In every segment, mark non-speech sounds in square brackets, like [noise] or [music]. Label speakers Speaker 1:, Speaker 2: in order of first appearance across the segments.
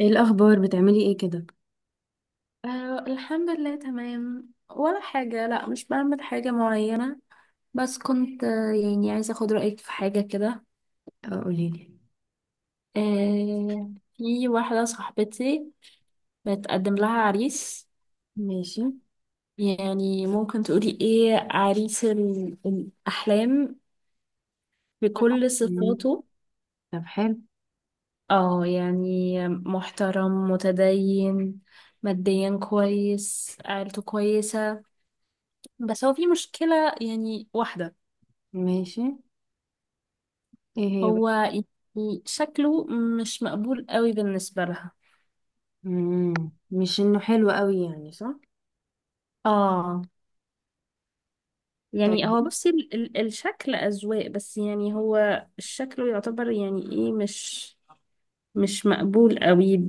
Speaker 1: ايه الاخبار، بتعملي ايه كده؟
Speaker 2: أه، الحمد لله، تمام. ولا حاجة، لا مش بعمل حاجة معينة. بس كنت عايزة أخد رأيك في حاجة كده.
Speaker 1: آه، قوليلي.
Speaker 2: أه. في واحدة صاحبتي بتقدم لها عريس.
Speaker 1: ماشي.
Speaker 2: يعني ممكن تقولي إيه عريس الأحلام بكل
Speaker 1: مم.
Speaker 2: صفاته؟
Speaker 1: طب، حلو.
Speaker 2: اه، يعني محترم، متدين، ماديا كويس، عيلته كويسة. بس هو في مشكلة، يعني واحدة.
Speaker 1: ماشي. ايه هي بقى؟
Speaker 2: هو يعني شكله مش مقبول قوي بالنسبة لها.
Speaker 1: مم. مش انه حلو قوي، يعني صح؟
Speaker 2: اه، يعني هو
Speaker 1: طيب.
Speaker 2: بصي ال ال الشكل أذواق، بس يعني هو شكله يعتبر يعني ايه، مش مقبول قوي.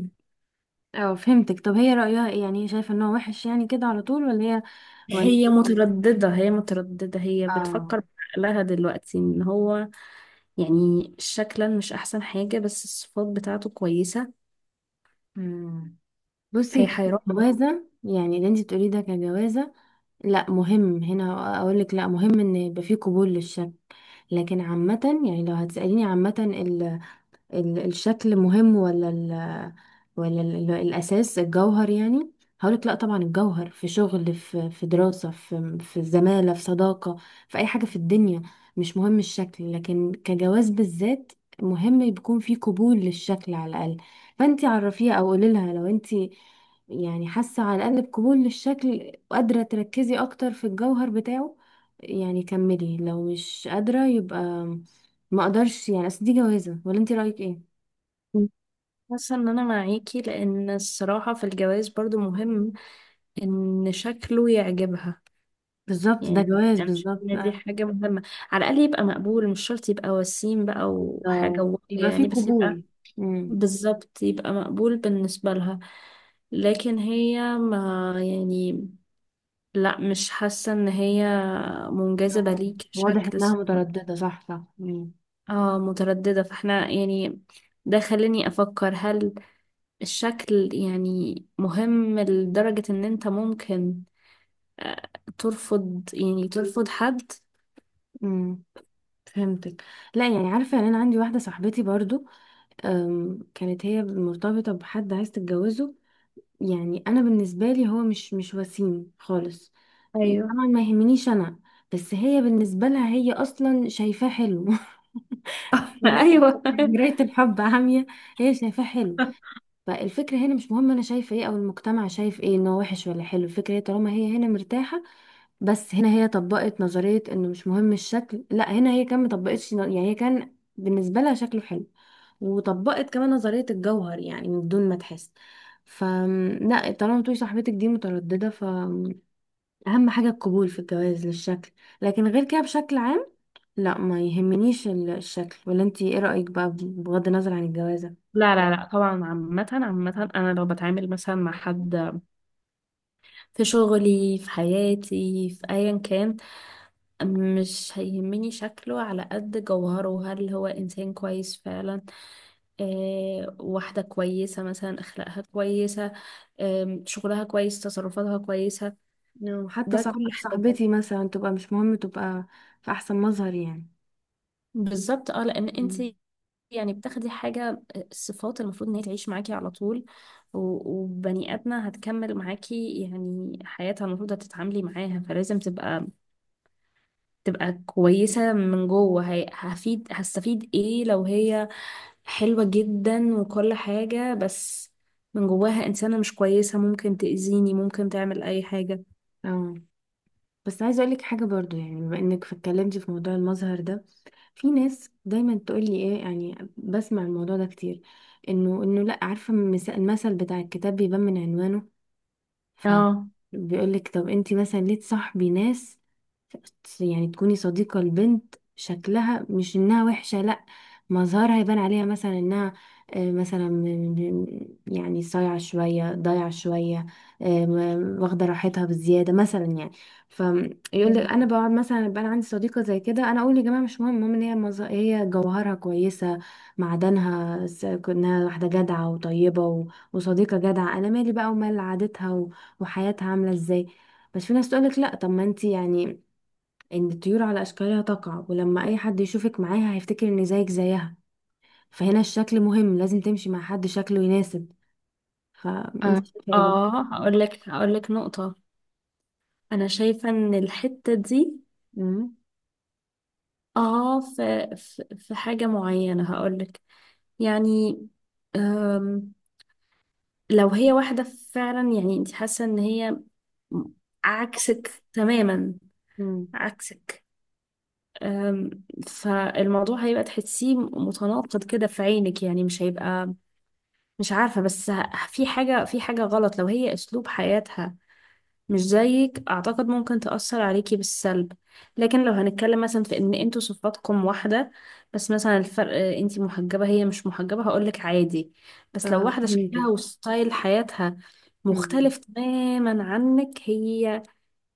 Speaker 1: اه، فهمتك. طب هي رأيها ايه؟ يعني هي شايفه انه وحش يعني كده على طول، ولا هي... ولا.
Speaker 2: هي مترددة، هي
Speaker 1: اه.
Speaker 2: بتفكر لها دلوقتي ان هو يعني شكلا مش احسن حاجة، بس الصفات بتاعته كويسة.
Speaker 1: مم.
Speaker 2: فهي
Speaker 1: بصي.
Speaker 2: حيرانة.
Speaker 1: جوازة يعني؟ اللي انت بتقوليه ده كجوازة؟ لا مهم. هنا اقول لك، لا مهم ان يبقى فيه قبول للشك. لكن عامة، يعني لو هتسأليني عامة، الشكل مهم ولا ال... ولا الأساس، الجوهر يعني؟ هقولك لا، طبعا الجوهر، في شغل، في دراسة، في زمالة، في صداقة، في أي حاجة في الدنيا. مش مهم الشكل، لكن كجواز بالذات مهم يكون في قبول للشكل على الأقل. فأنتي عرفيها أو قولي لها، لو أنتي يعني حاسة على الأقل بقبول للشكل، وقادرة تركزي أكتر في الجوهر بتاعه، يعني كملي. لو مش قادرة يبقى ما اقدرش، يعني اصل دي جوازة. ولا انت رأيك ايه؟
Speaker 2: حاسة ان انا معاكي، لان الصراحة في الجواز برضو مهم ان شكله يعجبها.
Speaker 1: بالظبط، ده
Speaker 2: يعني
Speaker 1: جواز
Speaker 2: انا شايفه
Speaker 1: بالظبط.
Speaker 2: ان دي
Speaker 1: أيوة،
Speaker 2: حاجه مهمه، على الاقل يبقى مقبول، مش شرط يبقى وسيم بقى وحاجه
Speaker 1: ده يبقى فيه
Speaker 2: بس يبقى،
Speaker 1: قبول. امم.
Speaker 2: بالظبط، يبقى مقبول بالنسبه لها. لكن هي ما يعني، لا مش حاسه ان هي منجذبه
Speaker 1: آه،
Speaker 2: ليك
Speaker 1: واضح
Speaker 2: شكل.
Speaker 1: انها مترددة، صح صح. امم.
Speaker 2: اه متردده، فاحنا يعني ده خليني افكر هل الشكل يعني مهم لدرجه ان انت ممكن آه، ترفض، يعني ترفض حد.
Speaker 1: امم. فهمتك. لا يعني، عارفة، يعني انا عندي واحدة صاحبتي برضو. كانت هي مرتبطة بحد عايز تتجوزه. يعني انا بالنسبة لي هو مش وسيم خالص.
Speaker 2: ايوه.
Speaker 1: طبعا ما يهمنيش انا. بس هي بالنسبة لها، هي اصلا شايفاه حلو. [laughs]
Speaker 2: [laughs]
Speaker 1: فاهمة؟
Speaker 2: ايوه [laughs]
Speaker 1: مراية الحب عامية. هي شايفاه حلو. فالفكرة هنا مش مهم أنا شايفة إيه أو المجتمع شايف إيه إن هو وحش ولا حلو. الفكرة هي طالما هي هنا مرتاحة. بس هنا هي طبقت نظرية إنه مش مهم الشكل. لا، هنا هي كان مطبقتش، يعني هي كان بالنسبة لها شكله حلو. وطبقت كمان نظرية الجوهر، يعني من دون ما تحس. ف... لا، طالما تقولي صاحبتك دي مترددة، ف أهم حاجة القبول في الجواز للشكل. لكن غير كده بشكل عام، لا ما يهمنيش الشكل. ولا انتي ايه رأيك بقى، بغض النظر عن الجوازة؟
Speaker 2: لا لا لا، طبعا عامة، عامة أنا لو بتعامل مثلا مع حد في شغلي، في حياتي، في أيا كان، مش هيهمني شكله على قد جوهره. هل هو إنسان كويس فعلا؟ آه، واحدة كويسة مثلا، أخلاقها كويسة، آه، شغلها كويس، تصرفاتها كويسة،
Speaker 1: أو حتى
Speaker 2: ده
Speaker 1: صح،
Speaker 2: كل حاجة.
Speaker 1: صاحبتي مثلا تبقى، مش مهم تبقى في احسن مظهر يعني.
Speaker 2: بالظبط، اه، لأن انت
Speaker 1: مم.
Speaker 2: يعني بتاخدي حاجة، الصفات المفروض ان هي تعيش معاكي على طول، وبني آدمة هتكمل معاكي يعني حياتها، المفروض هتتعاملي معاها، فلازم تبقى كويسة من جوه. هفيد، هستفيد ايه لو هي حلوة جدا وكل حاجة، بس من جواها إنسانة مش كويسة، ممكن تأذيني، ممكن تعمل أي حاجة.
Speaker 1: اه. بس عايزه اقول لك حاجه برضو، يعني بما انك اتكلمتي في موضوع المظهر ده، في ناس دايما تقول لي ايه، يعني بسمع الموضوع ده كتير. انه لا، عارفه، المثل بتاع الكتاب بيبان من عنوانه.
Speaker 2: اه،
Speaker 1: فبيقولك طب انتي مثلا ليه تصاحبي ناس؟ يعني تكوني صديقة البنت، شكلها مش انها وحشة، لا مظهرها يبان عليها مثلا انها، مثلا يعني صايعة شوية ضايعة شوية، واخدة راحتها بزيادة مثلا يعني. فيقول
Speaker 2: أيوة.
Speaker 1: لك، انا بقعد مثلا، يبقى انا عندي صديقة زي كده، انا اقول يا جماعة مش مهم، المهم ان هي، هي جوهرها كويسة، معدنها، انها واحدة جدعة وطيبة وصديقة جدعة. انا مالي بقى ومال عادتها وحياتها عاملة ازاي. بس في ناس تقولك لا، طب ما انتي يعني ان الطيور على اشكالها تقع، ولما اي حد يشوفك معاها هيفتكر ان زيك زيها. فهنا الشكل مهم، لازم تمشي مع حد شكله يناسب. فانتي شايفة ايه بقى؟
Speaker 2: اه هقول لك نقطة. أنا شايفة إن الحتة دي،
Speaker 1: امم.
Speaker 2: اه، في في حاجة معينة هقولك. يعني، أم، لو هي واحدة فعلا، يعني انت حاسة ان هي عكسك تماما،
Speaker 1: امم.
Speaker 2: عكسك. فالموضوع هيبقى تحسيه متناقض كده في عينك، يعني مش هيبقى، مش عارفة، بس في حاجة، في حاجة غلط. لو هي اسلوب حياتها مش زيك، اعتقد ممكن تأثر عليكي بالسلب. لكن لو هنتكلم مثلا في ان انتوا صفاتكم واحدة، بس مثلا الفرق انتي محجبة هي مش محجبة، هقولك عادي. بس لو
Speaker 1: آه،
Speaker 2: واحدة شكلها
Speaker 1: فهمتك.
Speaker 2: وستايل حياتها
Speaker 1: امم.
Speaker 2: مختلف تماما عنك، هي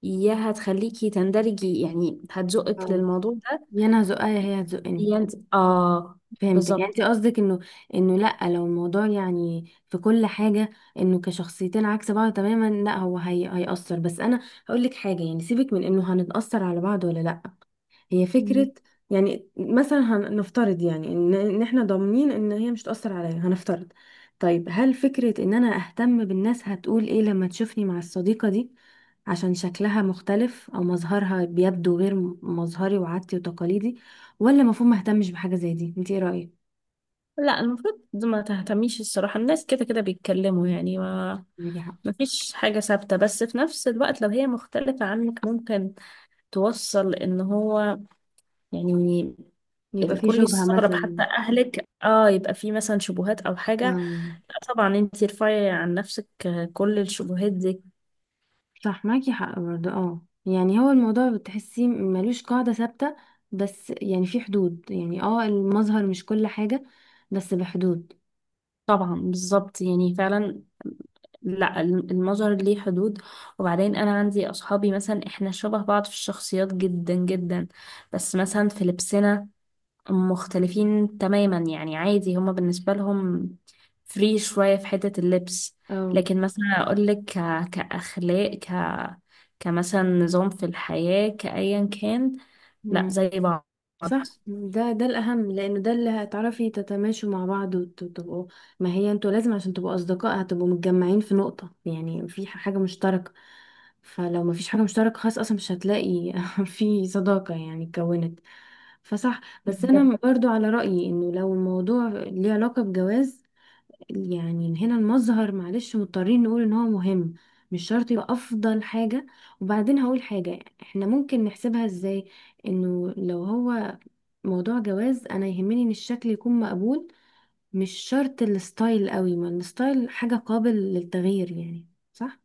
Speaker 2: يا هتخليكي تندرجي، يعني هتزقك
Speaker 1: آه.
Speaker 2: للموضوع ده،
Speaker 1: يا انا هزقها يا هي هتزقني.
Speaker 2: يا انت. اه،
Speaker 1: فهمتك، يعني
Speaker 2: بالظبط.
Speaker 1: انت قصدك انه لا، لو الموضوع يعني في كل حاجه، انه كشخصيتين عكس بعض تماما، لا هو هي هيأثر. بس انا هقول لك حاجه، يعني سيبك من انه هنتأثر على بعض ولا لا. هي
Speaker 2: مم.
Speaker 1: فكرة. يعني مثلا هنفترض، يعني ان احنا ضامنين ان هي مش تأثر عليا، هنفترض. طيب، هل فكرة ان انا اهتم بالناس هتقول ايه لما تشوفني مع الصديقة دي، عشان شكلها مختلف او مظهرها بيبدو غير مظهري وعادتي وتقاليدي، ولا المفروض ما اهتمش بحاجة زي دي؟ انت ايه رأيك؟
Speaker 2: لا المفروض ما تهتميش، الصراحة الناس كده كده بيتكلموا يعني، ما
Speaker 1: معاكي حق.
Speaker 2: مفيش حاجة ثابتة. بس في نفس الوقت لو هي مختلفة عنك، ممكن توصل ان هو يعني
Speaker 1: يبقى في
Speaker 2: الكل
Speaker 1: شبهة
Speaker 2: يستغرب،
Speaker 1: مثلا.
Speaker 2: حتى اهلك. اه، يبقى في مثلا شبهات او حاجة.
Speaker 1: آه.
Speaker 2: لا طبعا انتي ارفعي عن نفسك كل الشبهات دي.
Speaker 1: صح، معاكي حق برضه. اه، يعني هو الموضوع بتحسيه ملوش قاعدة ثابتة، بس يعني في حدود، يعني اه، المظهر مش كل حاجة، بس بحدود.
Speaker 2: طبعا بالظبط، يعني فعلا، لا، المظهر ليه حدود. وبعدين انا عندي اصحابي مثلا احنا شبه بعض في الشخصيات جدا جدا، بس مثلا في لبسنا مختلفين تماما. يعني عادي، هما بالنسبة لهم فري شوية في حتة اللبس.
Speaker 1: اه
Speaker 2: لكن مثلا أقولك ك... كأخلاق، ك... كمثلا نظام في الحياة، كأيا كان، لا زي بعض.
Speaker 1: صح. ده الأهم، لأنه ده اللي هتعرفي تتماشوا مع بعض وتبقوا، ما هي انتوا لازم عشان تبقوا أصدقاء هتبقوا متجمعين في نقطة، يعني في حاجة مشتركة. فلو ما فيش حاجة مشتركة، خلاص أصلا مش هتلاقي [laughs] في صداقة يعني اتكونت. فصح. بس
Speaker 2: بالظبط.
Speaker 1: أنا برضو على رأيي إنه لو الموضوع ليه علاقة بجواز، يعني هنا المظهر، معلش مضطرين نقول إن هو مهم، مش شرط يبقى أفضل حاجة. وبعدين هقول حاجة، احنا ممكن نحسبها ازاي، انه لو هو موضوع جواز، انا يهمني ان الشكل يكون مقبول، مش شرط الستايل قوي، ما الستايل حاجة قابل للتغيير يعني، صح؟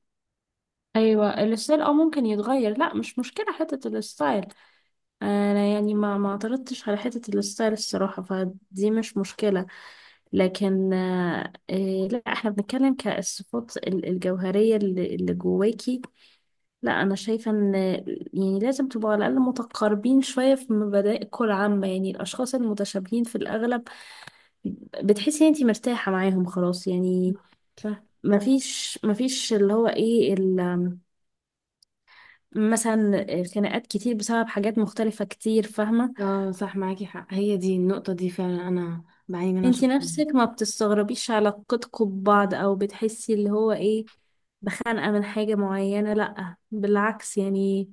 Speaker 2: أيوة الستايل أو ممكن يتغير، لا مش مشكلة حتة الستايل. أنا يعني ما اعترضتش على حتة الستايل الصراحة، فدي مش مشكلة. لكن آه، إيه، لا احنا بنتكلم كالصفات الجوهرية اللي جواكي. لا انا شايفه ان يعني لازم تبقوا على الاقل متقاربين شويه في مبادئكم العامه، يعني الاشخاص المتشابهين في الاغلب بتحسي ان انتي مرتاحه معاهم، خلاص يعني.
Speaker 1: مم. صح.
Speaker 2: مفيش اللي هو ايه مثلا خناقات كتير بسبب حاجات مختلفه كتير، فاهمه.
Speaker 1: اه صح، معاكي حق. هي دي النقطة دي فعلا، انا بعاني منها
Speaker 2: انتي
Speaker 1: شخصيا.
Speaker 2: نفسك ما بتستغربيش علاقتكم ببعض، او بتحسي اللي هو ايه بخانقه من حاجه معينه، لا بالعكس يعني،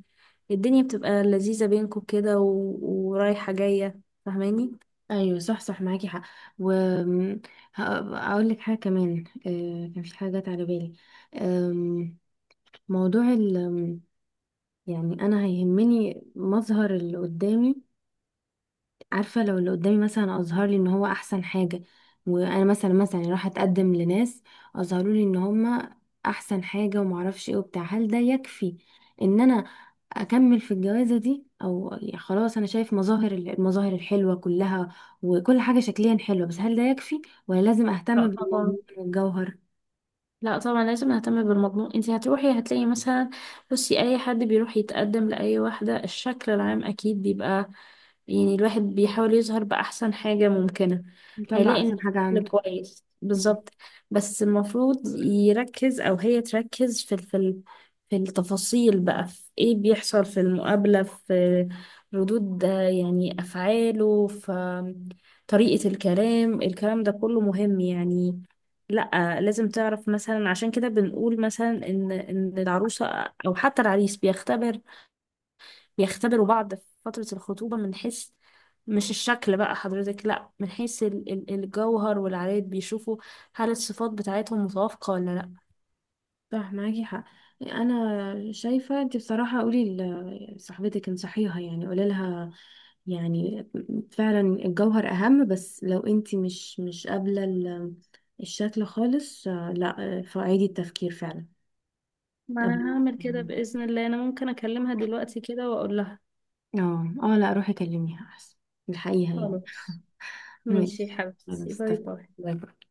Speaker 2: الدنيا بتبقى لذيذه بينكم كده ورايحه جايه، فاهماني.
Speaker 1: ايوه صح صح، معاكي حق. و... اقول لك حاجة كمان، كان في حاجة جت على بالي. آم، موضوع ال... يعني انا هيهمني مظهر اللي قدامي. عارفة، لو اللي قدامي مثلا أظهر لي إن هو أحسن حاجة، وأنا مثلا راح أتقدم لناس أظهروا لي إن هما أحسن حاجة ومعرفش إيه وبتاع، هل ده يكفي إن أنا أكمل في الجوازة دي، أو يا خلاص أنا شايف المظاهر الحلوة كلها، وكل حاجة شكليا حلوة، بس هل ده يكفي، ولا لازم أهتم
Speaker 2: لا طبعا،
Speaker 1: بالموضوع الجوهر؟
Speaker 2: لا طبعا لازم نهتم بالمضمون. انت هتروحي هتلاقي مثلا، بصي اي حد بيروح يتقدم لاي واحدة الشكل العام اكيد بيبقى، يعني الواحد بيحاول يظهر بأحسن حاجة ممكنة.
Speaker 1: يطلع
Speaker 2: هيلاقي ان
Speaker 1: أحسن حاجة
Speaker 2: الشكل
Speaker 1: عنده.
Speaker 2: كويس، بالظبط. بس المفروض يركز او هي تركز في في التفاصيل بقى، في ايه بيحصل في المقابلة، في ردود يعني افعاله، في طريقة الكلام. الكلام ده كله مهم يعني. لا لازم تعرف مثلا، عشان كده بنقول مثلا ان العروسه او حتى العريس بيختبر، بيختبروا بعض في فتره الخطوبه، من حيث مش الشكل بقى حضرتك، لا من حيث الجوهر والعادات، بيشوفوا هل الصفات بتاعتهم متوافقه ولا لا.
Speaker 1: صح، معاكي حق. انا شايفه، انت بصراحه قولي لصاحبتك انصحيها، يعني قولي لها، يعني فعلا الجوهر اهم، بس لو انت مش قابله الشكل خالص، لا فعيدي التفكير فعلا.
Speaker 2: ما انا
Speaker 1: قبل.
Speaker 2: هعمل كده باذن الله، انا ممكن اكلمها دلوقتي كده واقول لها.
Speaker 1: اه، اه، لا روحي كلميها احسن، الحقيقه يعني.
Speaker 2: خلاص، ماشي يا
Speaker 1: ماشي. انا
Speaker 2: حبيبتي، باي باي.
Speaker 1: استفدت.